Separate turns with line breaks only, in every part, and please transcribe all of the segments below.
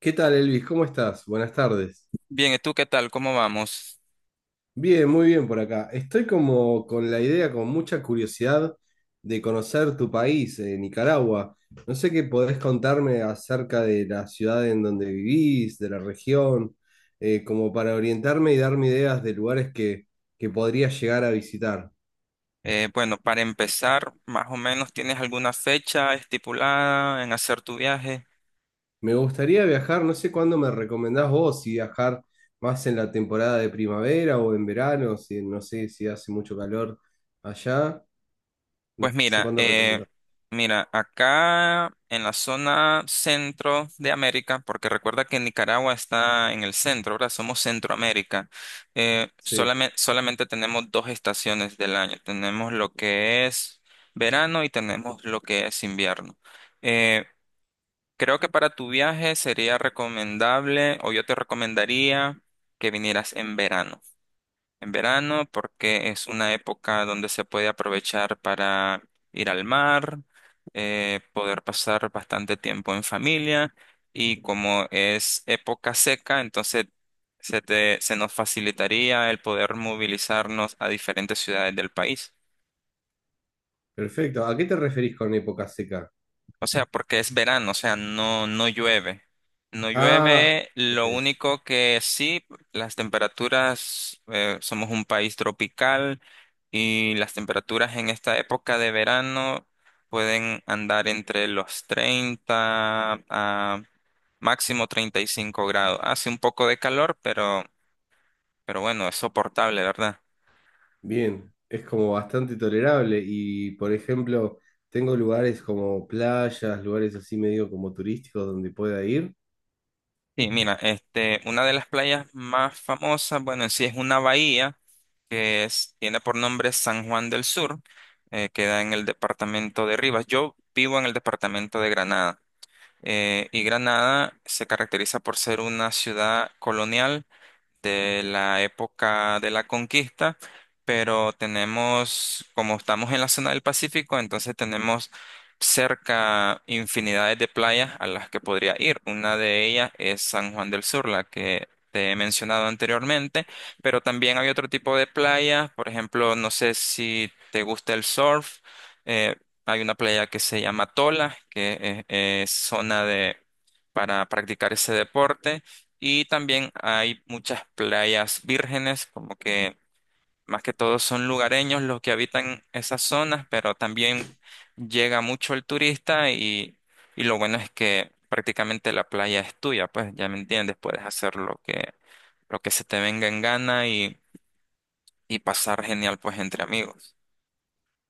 ¿Qué tal, Elvis? ¿Cómo estás? Buenas tardes.
Bien, ¿y tú qué tal? ¿Cómo vamos?
Bien, muy bien por acá. Estoy como con la idea, con mucha curiosidad de conocer tu país, Nicaragua. No sé qué podés contarme acerca de la ciudad en donde vivís, de la región, como para orientarme y darme ideas de lugares que podría llegar a visitar.
Bueno, para empezar, más o menos, ¿tienes alguna fecha estipulada en hacer tu viaje?
Me gustaría viajar, no sé cuándo me recomendás vos, si viajar más en la temporada de primavera o en verano, si no sé si hace mucho calor allá.
Pues
No sé
mira,
cuándo recomendar.
acá en la zona centro de América, porque recuerda que Nicaragua está en el centro, ahora somos Centroamérica,
Sí.
solamente tenemos dos estaciones del año. Tenemos lo que es verano y tenemos lo que es invierno. Eh, Creo que para tu viaje sería recomendable, o yo te recomendaría que vinieras en verano. En verano, porque es una época donde se puede aprovechar para ir al mar, poder pasar bastante tiempo en familia, y como es época seca, entonces se nos facilitaría el poder movilizarnos a diferentes ciudades del país.
Perfecto. ¿A qué te referís con época seca?
O sea, porque es verano, o sea, no, no llueve. No
Ah,
llueve, lo
ok.
único que sí, las temperaturas, somos un país tropical y las temperaturas en esta época de verano pueden andar entre los 30 a máximo 35 grados. Hace un poco de calor, pero bueno, es soportable, ¿verdad?
Bien. Es como bastante tolerable y, por ejemplo, tengo lugares como playas, lugares así medio como turísticos donde pueda ir.
Sí, mira, este, una de las playas más famosas, bueno, en sí es una bahía tiene por nombre San Juan del Sur, queda en el departamento de Rivas. Yo vivo en el departamento de Granada, y Granada se caracteriza por ser una ciudad colonial de la época de la conquista, pero tenemos, como estamos en la zona del Pacífico, entonces tenemos cerca infinidades de playas a las que podría ir. Una de ellas es San Juan del Sur, la que te he mencionado anteriormente, pero también hay otro tipo de playas, por ejemplo, no sé si te gusta el surf, eh, hay una playa que se llama Tola, que es zona de... para practicar ese deporte. Y también hay muchas playas vírgenes, como que más que todo son lugareños los que habitan esas zonas, pero también llega mucho el turista y lo bueno es que prácticamente la playa es tuya, pues ya me entiendes, puedes hacer lo que, se te venga en gana y pasar genial pues entre amigos.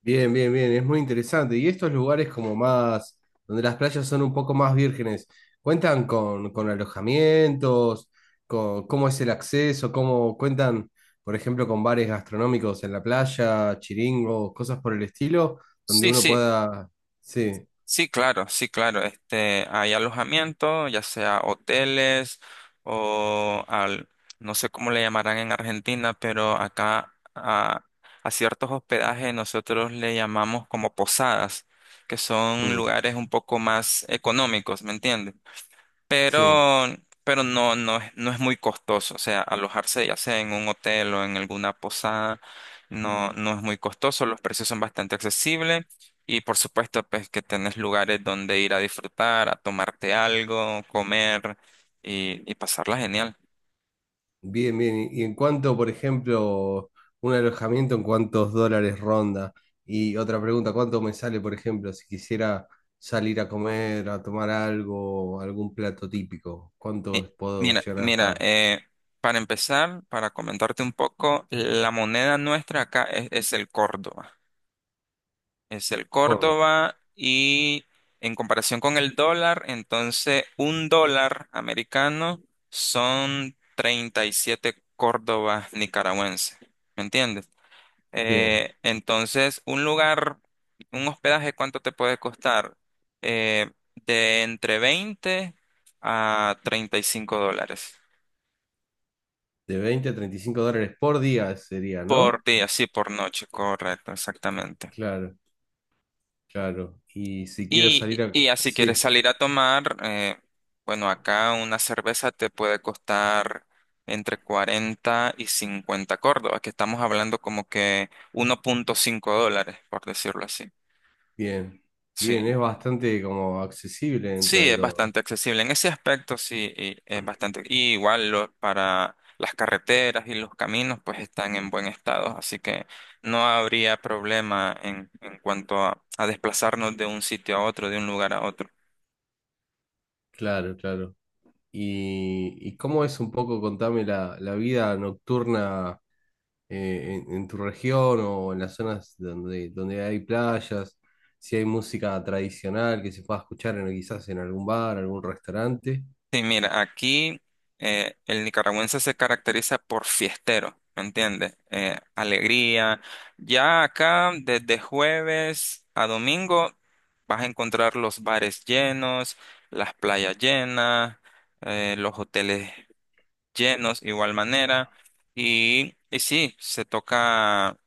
Bien, bien, bien, es muy interesante. Y estos lugares como más, donde las playas son un poco más vírgenes, ¿cuentan con alojamientos? Con, ¿cómo es el acceso? ¿Cómo cuentan, por ejemplo, con bares gastronómicos en la playa, chiringos, cosas por el estilo, donde
Sí,
uno
sí.
pueda... Sí,
Sí, claro, sí, claro. Este, hay alojamiento, ya sea hoteles o no sé cómo le llamarán en Argentina, pero acá a ciertos hospedajes nosotros le llamamos como posadas, que son
mm,
lugares un poco más económicos, ¿me entiendes?
sí.
pero, pero no, no, no es muy costoso. O sea, alojarse ya sea en un hotel o en alguna posada, no, no es muy costoso. Los precios son bastante accesibles. Y por supuesto, pues que tenés lugares donde ir a disfrutar, a tomarte algo, comer y pasarla genial.
Bien, bien. Y en cuanto, por ejemplo, un alojamiento, ¿en cuántos dólares ronda? Y otra pregunta, ¿cuánto me sale, por ejemplo, si quisiera salir a comer, a tomar algo, algún plato típico?
Mi-
¿Cuánto puedo
Mira,
llegar a
mira,
gastar?
eh, para empezar, para comentarte un poco, la moneda nuestra acá es el córdoba. Es el
Gordo.
córdoba y en comparación con el dólar, entonces un dólar americano son 37 córdobas nicaragüenses, ¿me entiendes?
Bien.
Entonces, un lugar, un hospedaje, ¿cuánto te puede costar? Eh, de entre 20 a 35 dólares
De $20 a $35 por día sería,
por
¿no?
día, sí, por noche, correcto, exactamente.
Claro, claro. Y si quiero
Y,
salir
y
a...
así quieres
Sí,
salir a tomar, bueno, acá una cerveza te puede costar entre 40 y 50 córdobas, que estamos hablando como que 1,5 dólares, por decirlo así.
bien. Bien, es
Sí,
bastante como accesible dentro
sí,
de
es
todo.
bastante accesible en ese aspecto, sí, y es bastante. Y igual para las carreteras y los caminos, pues están en buen estado, así que no habría problema en cuanto a desplazarnos de un sitio a otro, de un lugar a otro.
Claro, claro. ¿Y cómo es un poco, contame, la vida nocturna en tu región o en las zonas donde, donde hay playas? Si hay música tradicional que se pueda escuchar en, quizás en algún bar, algún restaurante.
Sí, mira, aquí el nicaragüense se caracteriza por fiestero, ¿me entiendes? Alegría. Ya acá, desde jueves a domingo, vas a encontrar los bares llenos, las playas llenas, los hoteles llenos, igual manera. Y sí, se toca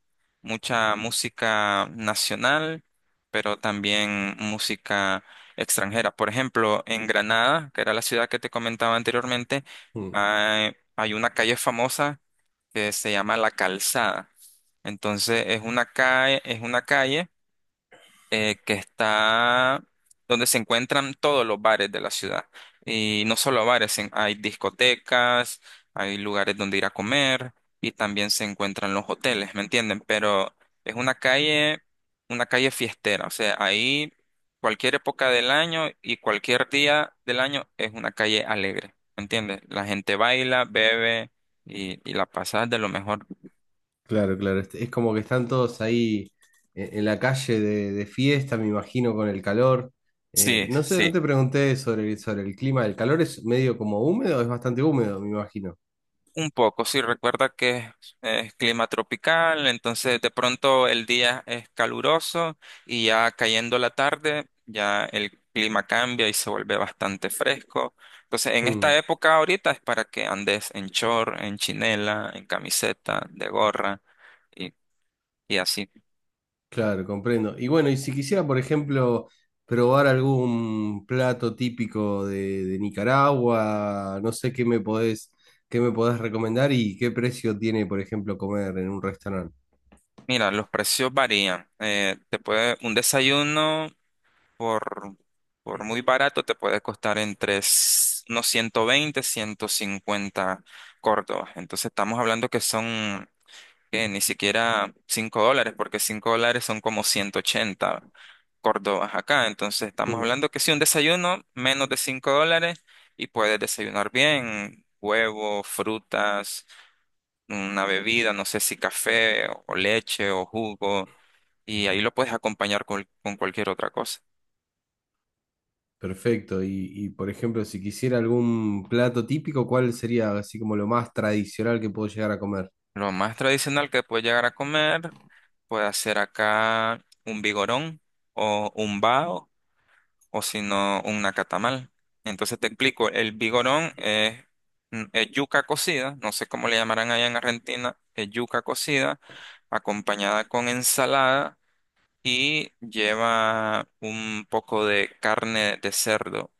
mucha música nacional, pero también música extranjera. Por ejemplo, en Granada, que era la ciudad que te comentaba anteriormente,
Mm,
hay una calle famosa que se llama La Calzada. Entonces, es una calle que está donde se encuentran todos los bares de la ciudad. Y no solo bares, hay discotecas, hay lugares donde ir a comer y también se encuentran los hoteles, ¿me entienden? Pero es una calle fiestera, o sea, ahí cualquier época del año y cualquier día del año es una calle alegre, ¿me entiendes? La gente baila, bebe y la pasa de lo mejor.
claro, claro. Es como que están todos ahí en la calle de fiesta, me imagino, con el calor.
Sí,
No sé, no
sí.
te pregunté sobre el clima. ¿El calor es medio como húmedo? Es bastante húmedo, me imagino.
Un poco, sí, recuerda que es clima tropical, entonces de pronto el día es caluroso y ya cayendo la tarde, ya el clima cambia y se vuelve bastante fresco. Entonces en esta
Mm.
época ahorita es para que andes en short, en chinela, en camiseta, de gorra y, y así.
Claro, comprendo. Y bueno, y si quisiera, por ejemplo, probar algún plato típico de Nicaragua, no sé qué me qué me podés recomendar y qué precio tiene, por ejemplo, comer en un restaurante.
Mira, los precios varían. Te puede un desayuno. por, por muy barato te puede costar entre unos 120, 150 córdobas. Entonces estamos hablando que son que ni siquiera 5 dólares, porque 5 dólares son como 180 córdobas acá. Entonces estamos
Mm,
hablando que si un desayuno menos de 5 dólares y puedes desayunar bien, huevo, frutas, una bebida, no sé si café o leche o jugo, y ahí lo puedes acompañar con cualquier otra cosa.
perfecto. Por ejemplo, si quisiera algún plato típico, ¿cuál sería así como lo más tradicional que puedo llegar a comer?
Lo más tradicional que puedes llegar a comer puede ser acá un vigorón o un bao o si no un nacatamal. Entonces te explico, el vigorón es yuca cocida, no sé cómo le llamarán allá en Argentina, es yuca cocida acompañada con ensalada y lleva un poco de carne de cerdo.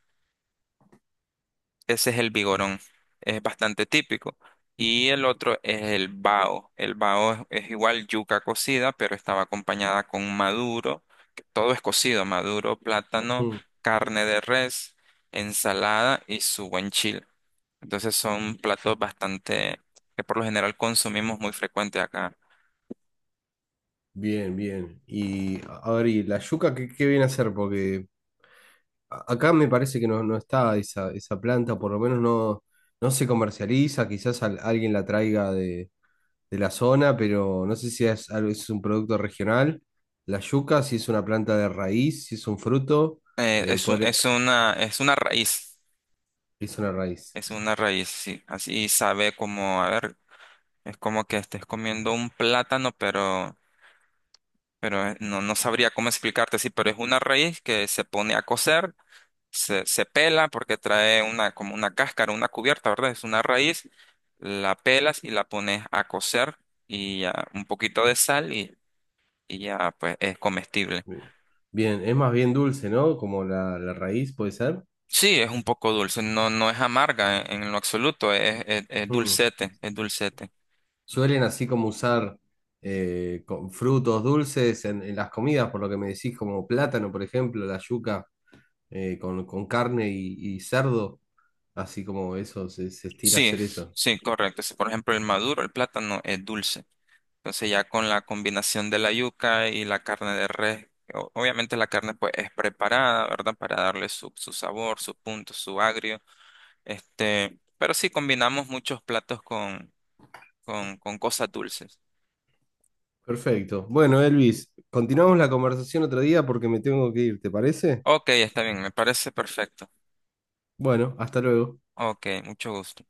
Ese es el vigorón, es bastante típico. Y el otro es el bao. El bao es igual yuca cocida, pero estaba acompañada con maduro, que todo es cocido, maduro, plátano,
Mm,
carne de res, ensalada y su buen chile. Entonces son platos bastante que por lo general consumimos muy frecuente acá.
bien, bien. Y a ver, ¿y la yuca qué viene a ser? Porque a- acá me parece que no está esa, esa planta, por lo menos no se comercializa, quizás al- alguien la traiga de la zona, pero no sé si es, algo- es un producto regional. La yuca, si es una planta de raíz, si es un fruto, podré-
Es una raíz,
es una raíz.
es una raíz, sí. Así sabe como, a ver, es como que estés comiendo un plátano, pero no, no sabría cómo explicarte, sí, pero es una raíz que se pone a cocer, se pela porque trae una, como una cáscara, una cubierta, ¿verdad? Es una raíz, la pelas y la pones a cocer y ya un poquito de sal y ya pues es comestible.
Bien, bien, es más bien dulce, ¿no? Como la raíz, puede ser.
Sí, es un poco dulce, no, no es amarga en lo absoluto, es
Mm.
dulcete, es dulcete.
Suelen así como usar con frutos dulces en las comidas, por lo que me decís, como plátano, por ejemplo, la yuca. Con con carne y cerdo, así como eso, se estira
Sí,
hacer eso.
sí, correcto. Sí, por ejemplo, el maduro, el plátano es dulce. Entonces ya con la combinación de la yuca y la carne de res, obviamente la carne pues es preparada, ¿verdad? Para darle su, sabor, su punto, su agrio. Este, pero sí combinamos muchos platos con cosas dulces.
Perfecto. Bueno, Elvis, continuamos la conversación otro día porque me tengo que ir, ¿te parece?
Ok, está bien, me parece perfecto.
Bueno, hasta luego.
Ok, mucho gusto.